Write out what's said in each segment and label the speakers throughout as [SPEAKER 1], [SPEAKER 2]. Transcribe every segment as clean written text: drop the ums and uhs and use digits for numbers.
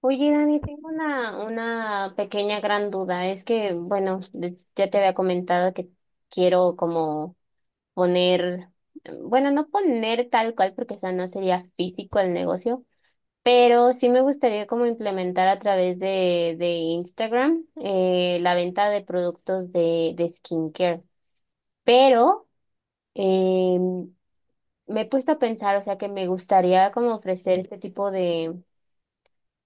[SPEAKER 1] Oye, Dani, tengo una pequeña gran duda. Es que, bueno, ya te había comentado que quiero como poner, bueno, no poner tal cual porque, o sea, no sería físico el negocio, pero sí me gustaría como implementar a través de Instagram la venta de productos de skincare. Pero em, me he puesto a pensar, o sea, que me gustaría como ofrecer este tipo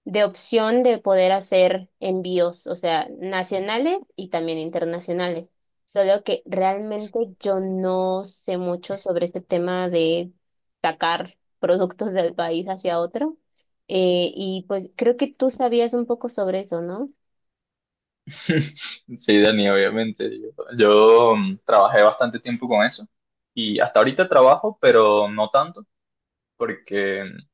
[SPEAKER 1] de opción de poder hacer envíos, o sea, nacionales y también internacionales. Solo que realmente yo no sé mucho sobre este tema de sacar productos del país hacia otro. Y pues creo que tú sabías un poco sobre eso, ¿no?
[SPEAKER 2] Sí, Dani, obviamente. Trabajé bastante tiempo con eso y hasta ahorita trabajo, pero no tanto, porque o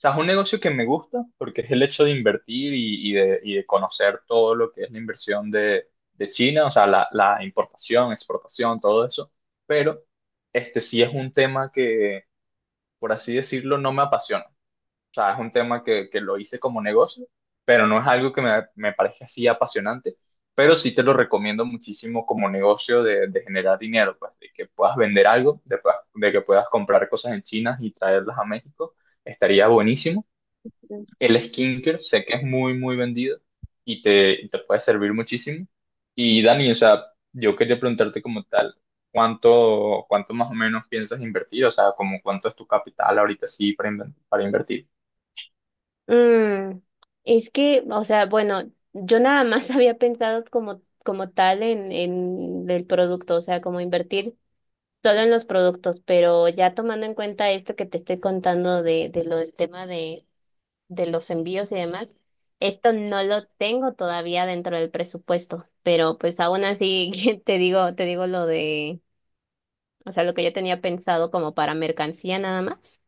[SPEAKER 2] sea, es un negocio que me gusta, porque es el hecho de invertir y de conocer todo lo que es la inversión de China, o sea, la importación, exportación, todo eso, pero este sí es un tema que, por así decirlo, no me apasiona. O sea, es un tema que lo hice como negocio, pero no es algo que me parece así apasionante, pero sí te lo recomiendo muchísimo como negocio de generar dinero, pues de que puedas vender algo, de, de que puedas comprar cosas en China y traerlas a México, estaría buenísimo. El skincare sé que es muy, muy vendido y te puede servir muchísimo. Y Dani, o sea, yo quería preguntarte como tal, cuánto más o menos piensas invertir? O sea, como cuánto es tu capital ahorita sí para, para invertir.
[SPEAKER 1] Mm, es que, o sea, bueno, yo nada más había pensado como, como tal en el producto, o sea, como invertir. Solo en los productos, pero ya tomando en cuenta esto que te estoy contando de lo del tema de los envíos y demás, esto no lo tengo todavía dentro del presupuesto, pero pues aún así te digo lo de, o sea, lo que yo tenía pensado como para mercancía nada más.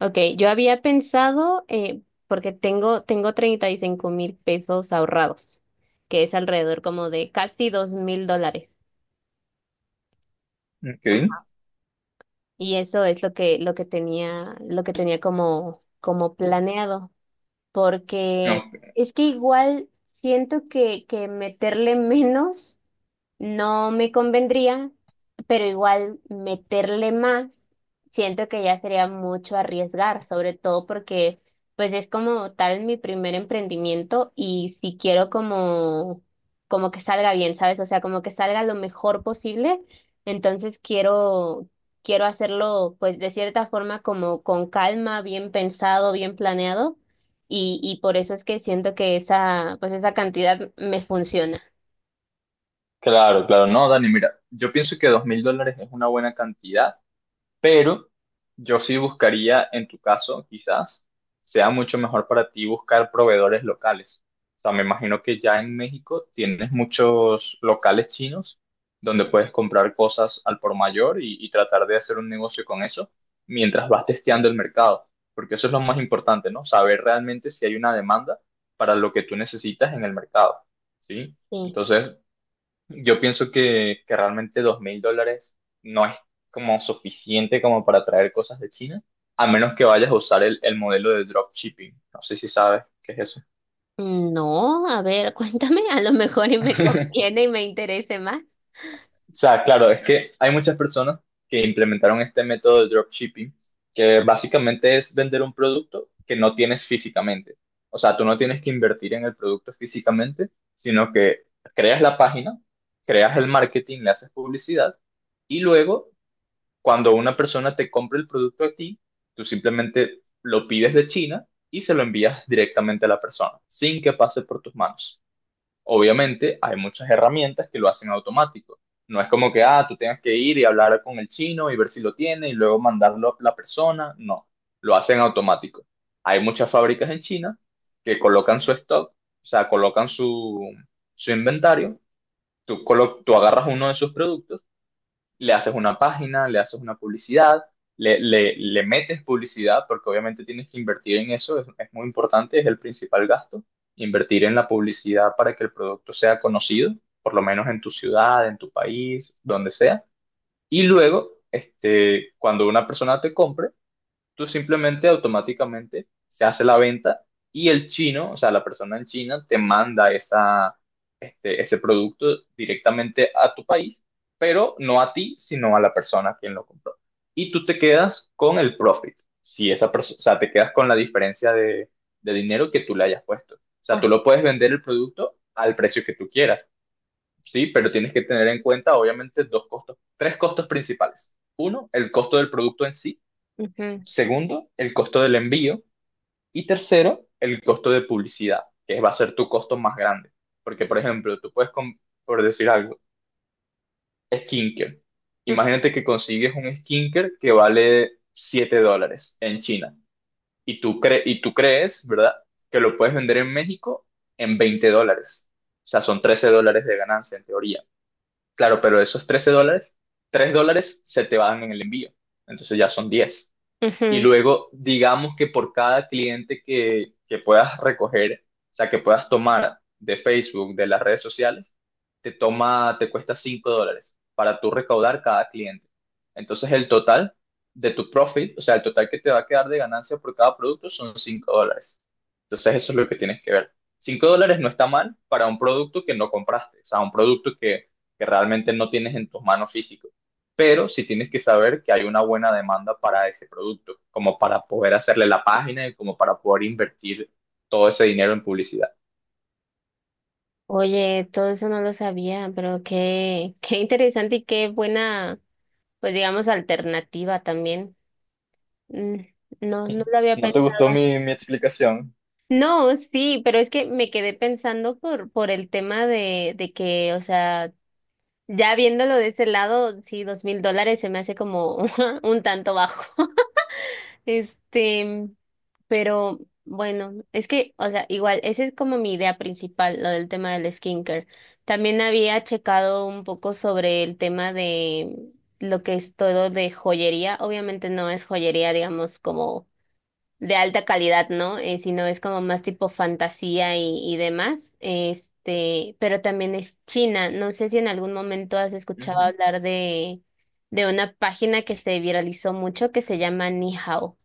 [SPEAKER 1] Ok, yo había pensado, porque tengo 35,000 pesos ahorrados, que es alrededor como de casi 2,000 dólares.
[SPEAKER 2] Ok.
[SPEAKER 1] Y eso es lo que, lo que tenía como, como planeado, porque
[SPEAKER 2] No,
[SPEAKER 1] es que igual siento que meterle menos. No me convendría, pero igual meterle más, siento que ya sería mucho arriesgar, sobre todo porque pues es como tal mi primer emprendimiento y si quiero como como que salga bien, ¿sabes? O sea, como que salga lo mejor posible, entonces quiero hacerlo pues de cierta forma como con calma, bien pensado, bien planeado y por eso es que siento que esa pues esa cantidad me funciona.
[SPEAKER 2] claro. No, Dani, mira, yo pienso que $2000 es una buena cantidad. Pero yo sí buscaría, en tu caso, quizás sea mucho mejor para ti buscar proveedores locales. O sea, me imagino que ya en México tienes muchos locales chinos donde puedes comprar cosas al por mayor y tratar de hacer un negocio con eso mientras vas testeando el mercado. Porque eso es lo más importante, ¿no? Saber realmente si hay una demanda para lo que tú necesitas en el mercado, ¿sí?
[SPEAKER 1] Sí.
[SPEAKER 2] Entonces, yo pienso que realmente $2000 no es como suficiente como para traer cosas de China, a menos que vayas a usar el modelo de dropshipping. No sé si sabes qué es eso.
[SPEAKER 1] No, a ver, cuéntame, a lo mejor y me conviene y me interese más.
[SPEAKER 2] O sea, claro, es que hay muchas personas que implementaron este método de dropshipping, que básicamente es vender un producto que no tienes físicamente. O sea, tú no tienes que invertir en el producto físicamente, sino que creas la página, creas el marketing, le haces publicidad y luego cuando una persona te compra el producto a ti, tú simplemente lo pides de China y se lo envías directamente a la persona, sin que pase por tus manos. Obviamente, hay muchas herramientas que lo hacen automático. No es como que, ah, tú tengas que ir y hablar con el chino y ver si lo tiene y luego mandarlo a la persona. No, lo hacen automático. Hay muchas fábricas en China que colocan su stock, o sea, colocan su inventario. Tú, tú agarras uno de sus productos, le haces una página, le haces una publicidad, le metes publicidad, porque obviamente tienes que invertir en eso, es muy importante, es el principal gasto, invertir en la publicidad para que el producto sea conocido, por lo menos en tu ciudad, en tu país, donde sea. Y luego, este, cuando una persona te compre, tú simplemente automáticamente se hace la venta y el chino, o sea, la persona en China te manda este, ese producto directamente a tu país, pero no a ti, sino a la persona a quien lo compró. Y tú te quedas con el profit, si esa persona, o sea, te quedas con la diferencia de dinero que tú le hayas puesto. O sea,
[SPEAKER 1] Ah,
[SPEAKER 2] tú lo puedes vender el producto al precio que tú quieras, sí, pero tienes que tener en cuenta, obviamente, tres costos principales. Uno, el costo del producto en sí.
[SPEAKER 1] ujú,
[SPEAKER 2] Segundo, el costo del envío. Y tercero, el costo de publicidad, que va a ser tu costo más grande. Porque, por ejemplo, tú puedes, por decir algo, skincare.
[SPEAKER 1] ujú.
[SPEAKER 2] Imagínate que consigues un skincare que vale $7 en China. Y tú, y tú crees, ¿verdad? Que lo puedes vender en México en $20. O sea, son $13 de ganancia en teoría. Claro, pero esos $13, $3 se te van en el envío. Entonces ya son diez, y
[SPEAKER 1] Ujú.
[SPEAKER 2] luego digamos que por cada cliente que puedas recoger, o sea, que puedas tomar de Facebook, de las redes sociales, te cuesta $5 para tú recaudar cada cliente. Entonces el total de tu profit, o sea, el total que te va a quedar de ganancia por cada producto son $5. Entonces eso es lo que tienes que ver. $5 no está mal para un producto que no compraste, o sea, un producto que realmente no tienes en tus manos físicas, pero sí tienes que saber que hay una buena demanda para ese producto, como para poder hacerle la página y como para poder invertir todo ese dinero en publicidad.
[SPEAKER 1] Oye, todo eso no lo sabía, pero qué, qué interesante y qué buena, pues digamos, alternativa también. Mm. No, no lo había
[SPEAKER 2] ¿No te
[SPEAKER 1] pensado.
[SPEAKER 2] gustó mi explicación?
[SPEAKER 1] No, sí, pero es que me quedé pensando por el tema de que, o sea, ya viéndolo de ese lado, sí, 2,000 dólares se me hace como un tanto bajo. Este, pero bueno, es que, o sea, igual, esa es como mi idea principal, lo del tema del skincare. También había checado un poco sobre el tema de lo que es todo de joyería. Obviamente no es joyería, digamos, como de alta calidad, ¿no? Sino es como más tipo fantasía y demás. Este, pero también es China. No sé si en algún momento has escuchado
[SPEAKER 2] Ujú.
[SPEAKER 1] hablar de una página que se viralizó mucho que se llama Nihao.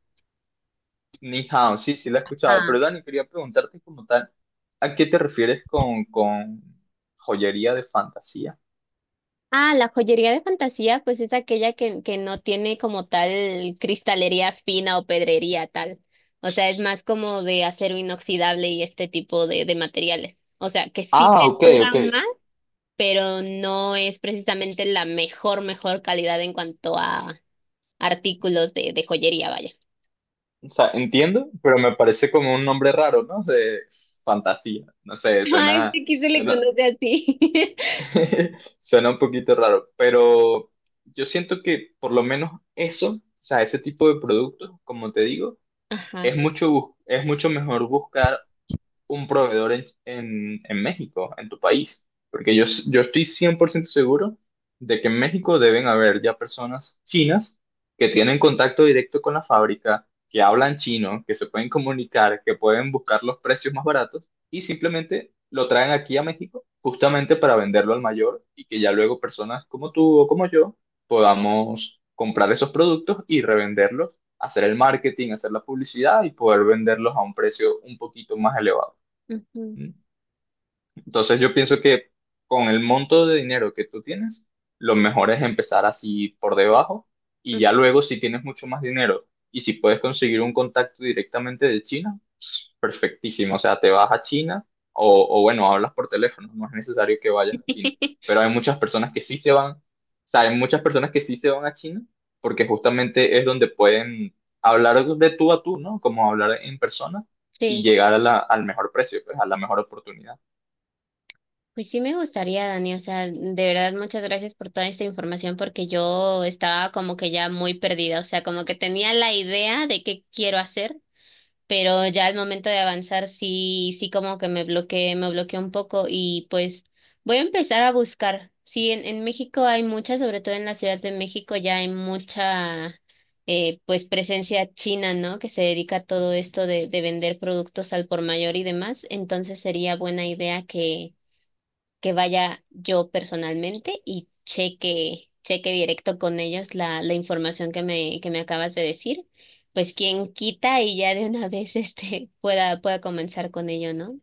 [SPEAKER 2] Ni hao, sí, sí la he escuchado, pero
[SPEAKER 1] Ajá.
[SPEAKER 2] Dani, quería preguntarte como tal, ¿a qué te refieres con joyería de fantasía?
[SPEAKER 1] Ah, la joyería de fantasía, pues es aquella que no tiene como tal cristalería fina o pedrería tal. O sea, es más como de acero inoxidable y este tipo de materiales. O sea, que sí te
[SPEAKER 2] Ah, ok, ok.
[SPEAKER 1] duran más, pero no es precisamente la mejor, mejor calidad en cuanto a artículos de joyería, vaya.
[SPEAKER 2] O sea, entiendo, pero me parece como un nombre raro, ¿no? De fantasía. No sé,
[SPEAKER 1] Ah, este aquí se le
[SPEAKER 2] suena,
[SPEAKER 1] conoce así.
[SPEAKER 2] suena un poquito raro, pero yo siento que por lo menos eso, o sea, ese tipo de productos, como te digo,
[SPEAKER 1] Ajá.
[SPEAKER 2] es mucho, es mucho mejor buscar un proveedor en México, en tu país, porque yo, yo estoy 100% seguro de que en México deben haber ya personas chinas que tienen contacto directo con la fábrica, que hablan chino, que se pueden comunicar, que pueden buscar los precios más baratos y simplemente lo traen aquí a México justamente para venderlo al mayor y que ya luego personas como tú o como yo podamos comprar esos productos y revenderlos, hacer el marketing, hacer la publicidad y poder venderlos a un precio un poquito más elevado.
[SPEAKER 1] Ujú,
[SPEAKER 2] Entonces yo pienso que con el monto de dinero que tú tienes, lo mejor es empezar así por debajo y
[SPEAKER 1] ujú.
[SPEAKER 2] ya luego si tienes mucho más dinero y si puedes conseguir un contacto directamente de China, perfectísimo. O sea, te vas a China o bueno, hablas por teléfono, no es necesario que vayas a China. Pero hay muchas personas que sí se van, o sea, hay muchas personas que sí se van a China porque justamente es donde pueden hablar de tú a tú, ¿no? Como hablar en persona y
[SPEAKER 1] Sí.
[SPEAKER 2] llegar a al mejor precio, pues a la mejor oportunidad.
[SPEAKER 1] Pues sí me gustaría, Dani, o sea, de verdad muchas gracias por toda esta información porque yo estaba como que ya muy perdida, o sea, como que tenía la idea de qué quiero hacer, pero ya al momento de avanzar sí, sí como que me bloqueé un poco y pues voy a empezar a buscar. Sí, en México hay mucha, sobre todo en la Ciudad de México ya hay mucha pues presencia china, ¿no? Que se dedica a todo esto de vender productos al por mayor y demás, entonces sería buena idea que vaya yo personalmente y cheque, cheque directo con ellos la información que me acabas de decir. Pues quien quita y ya de una vez este pueda, pueda comenzar con ello, ¿no?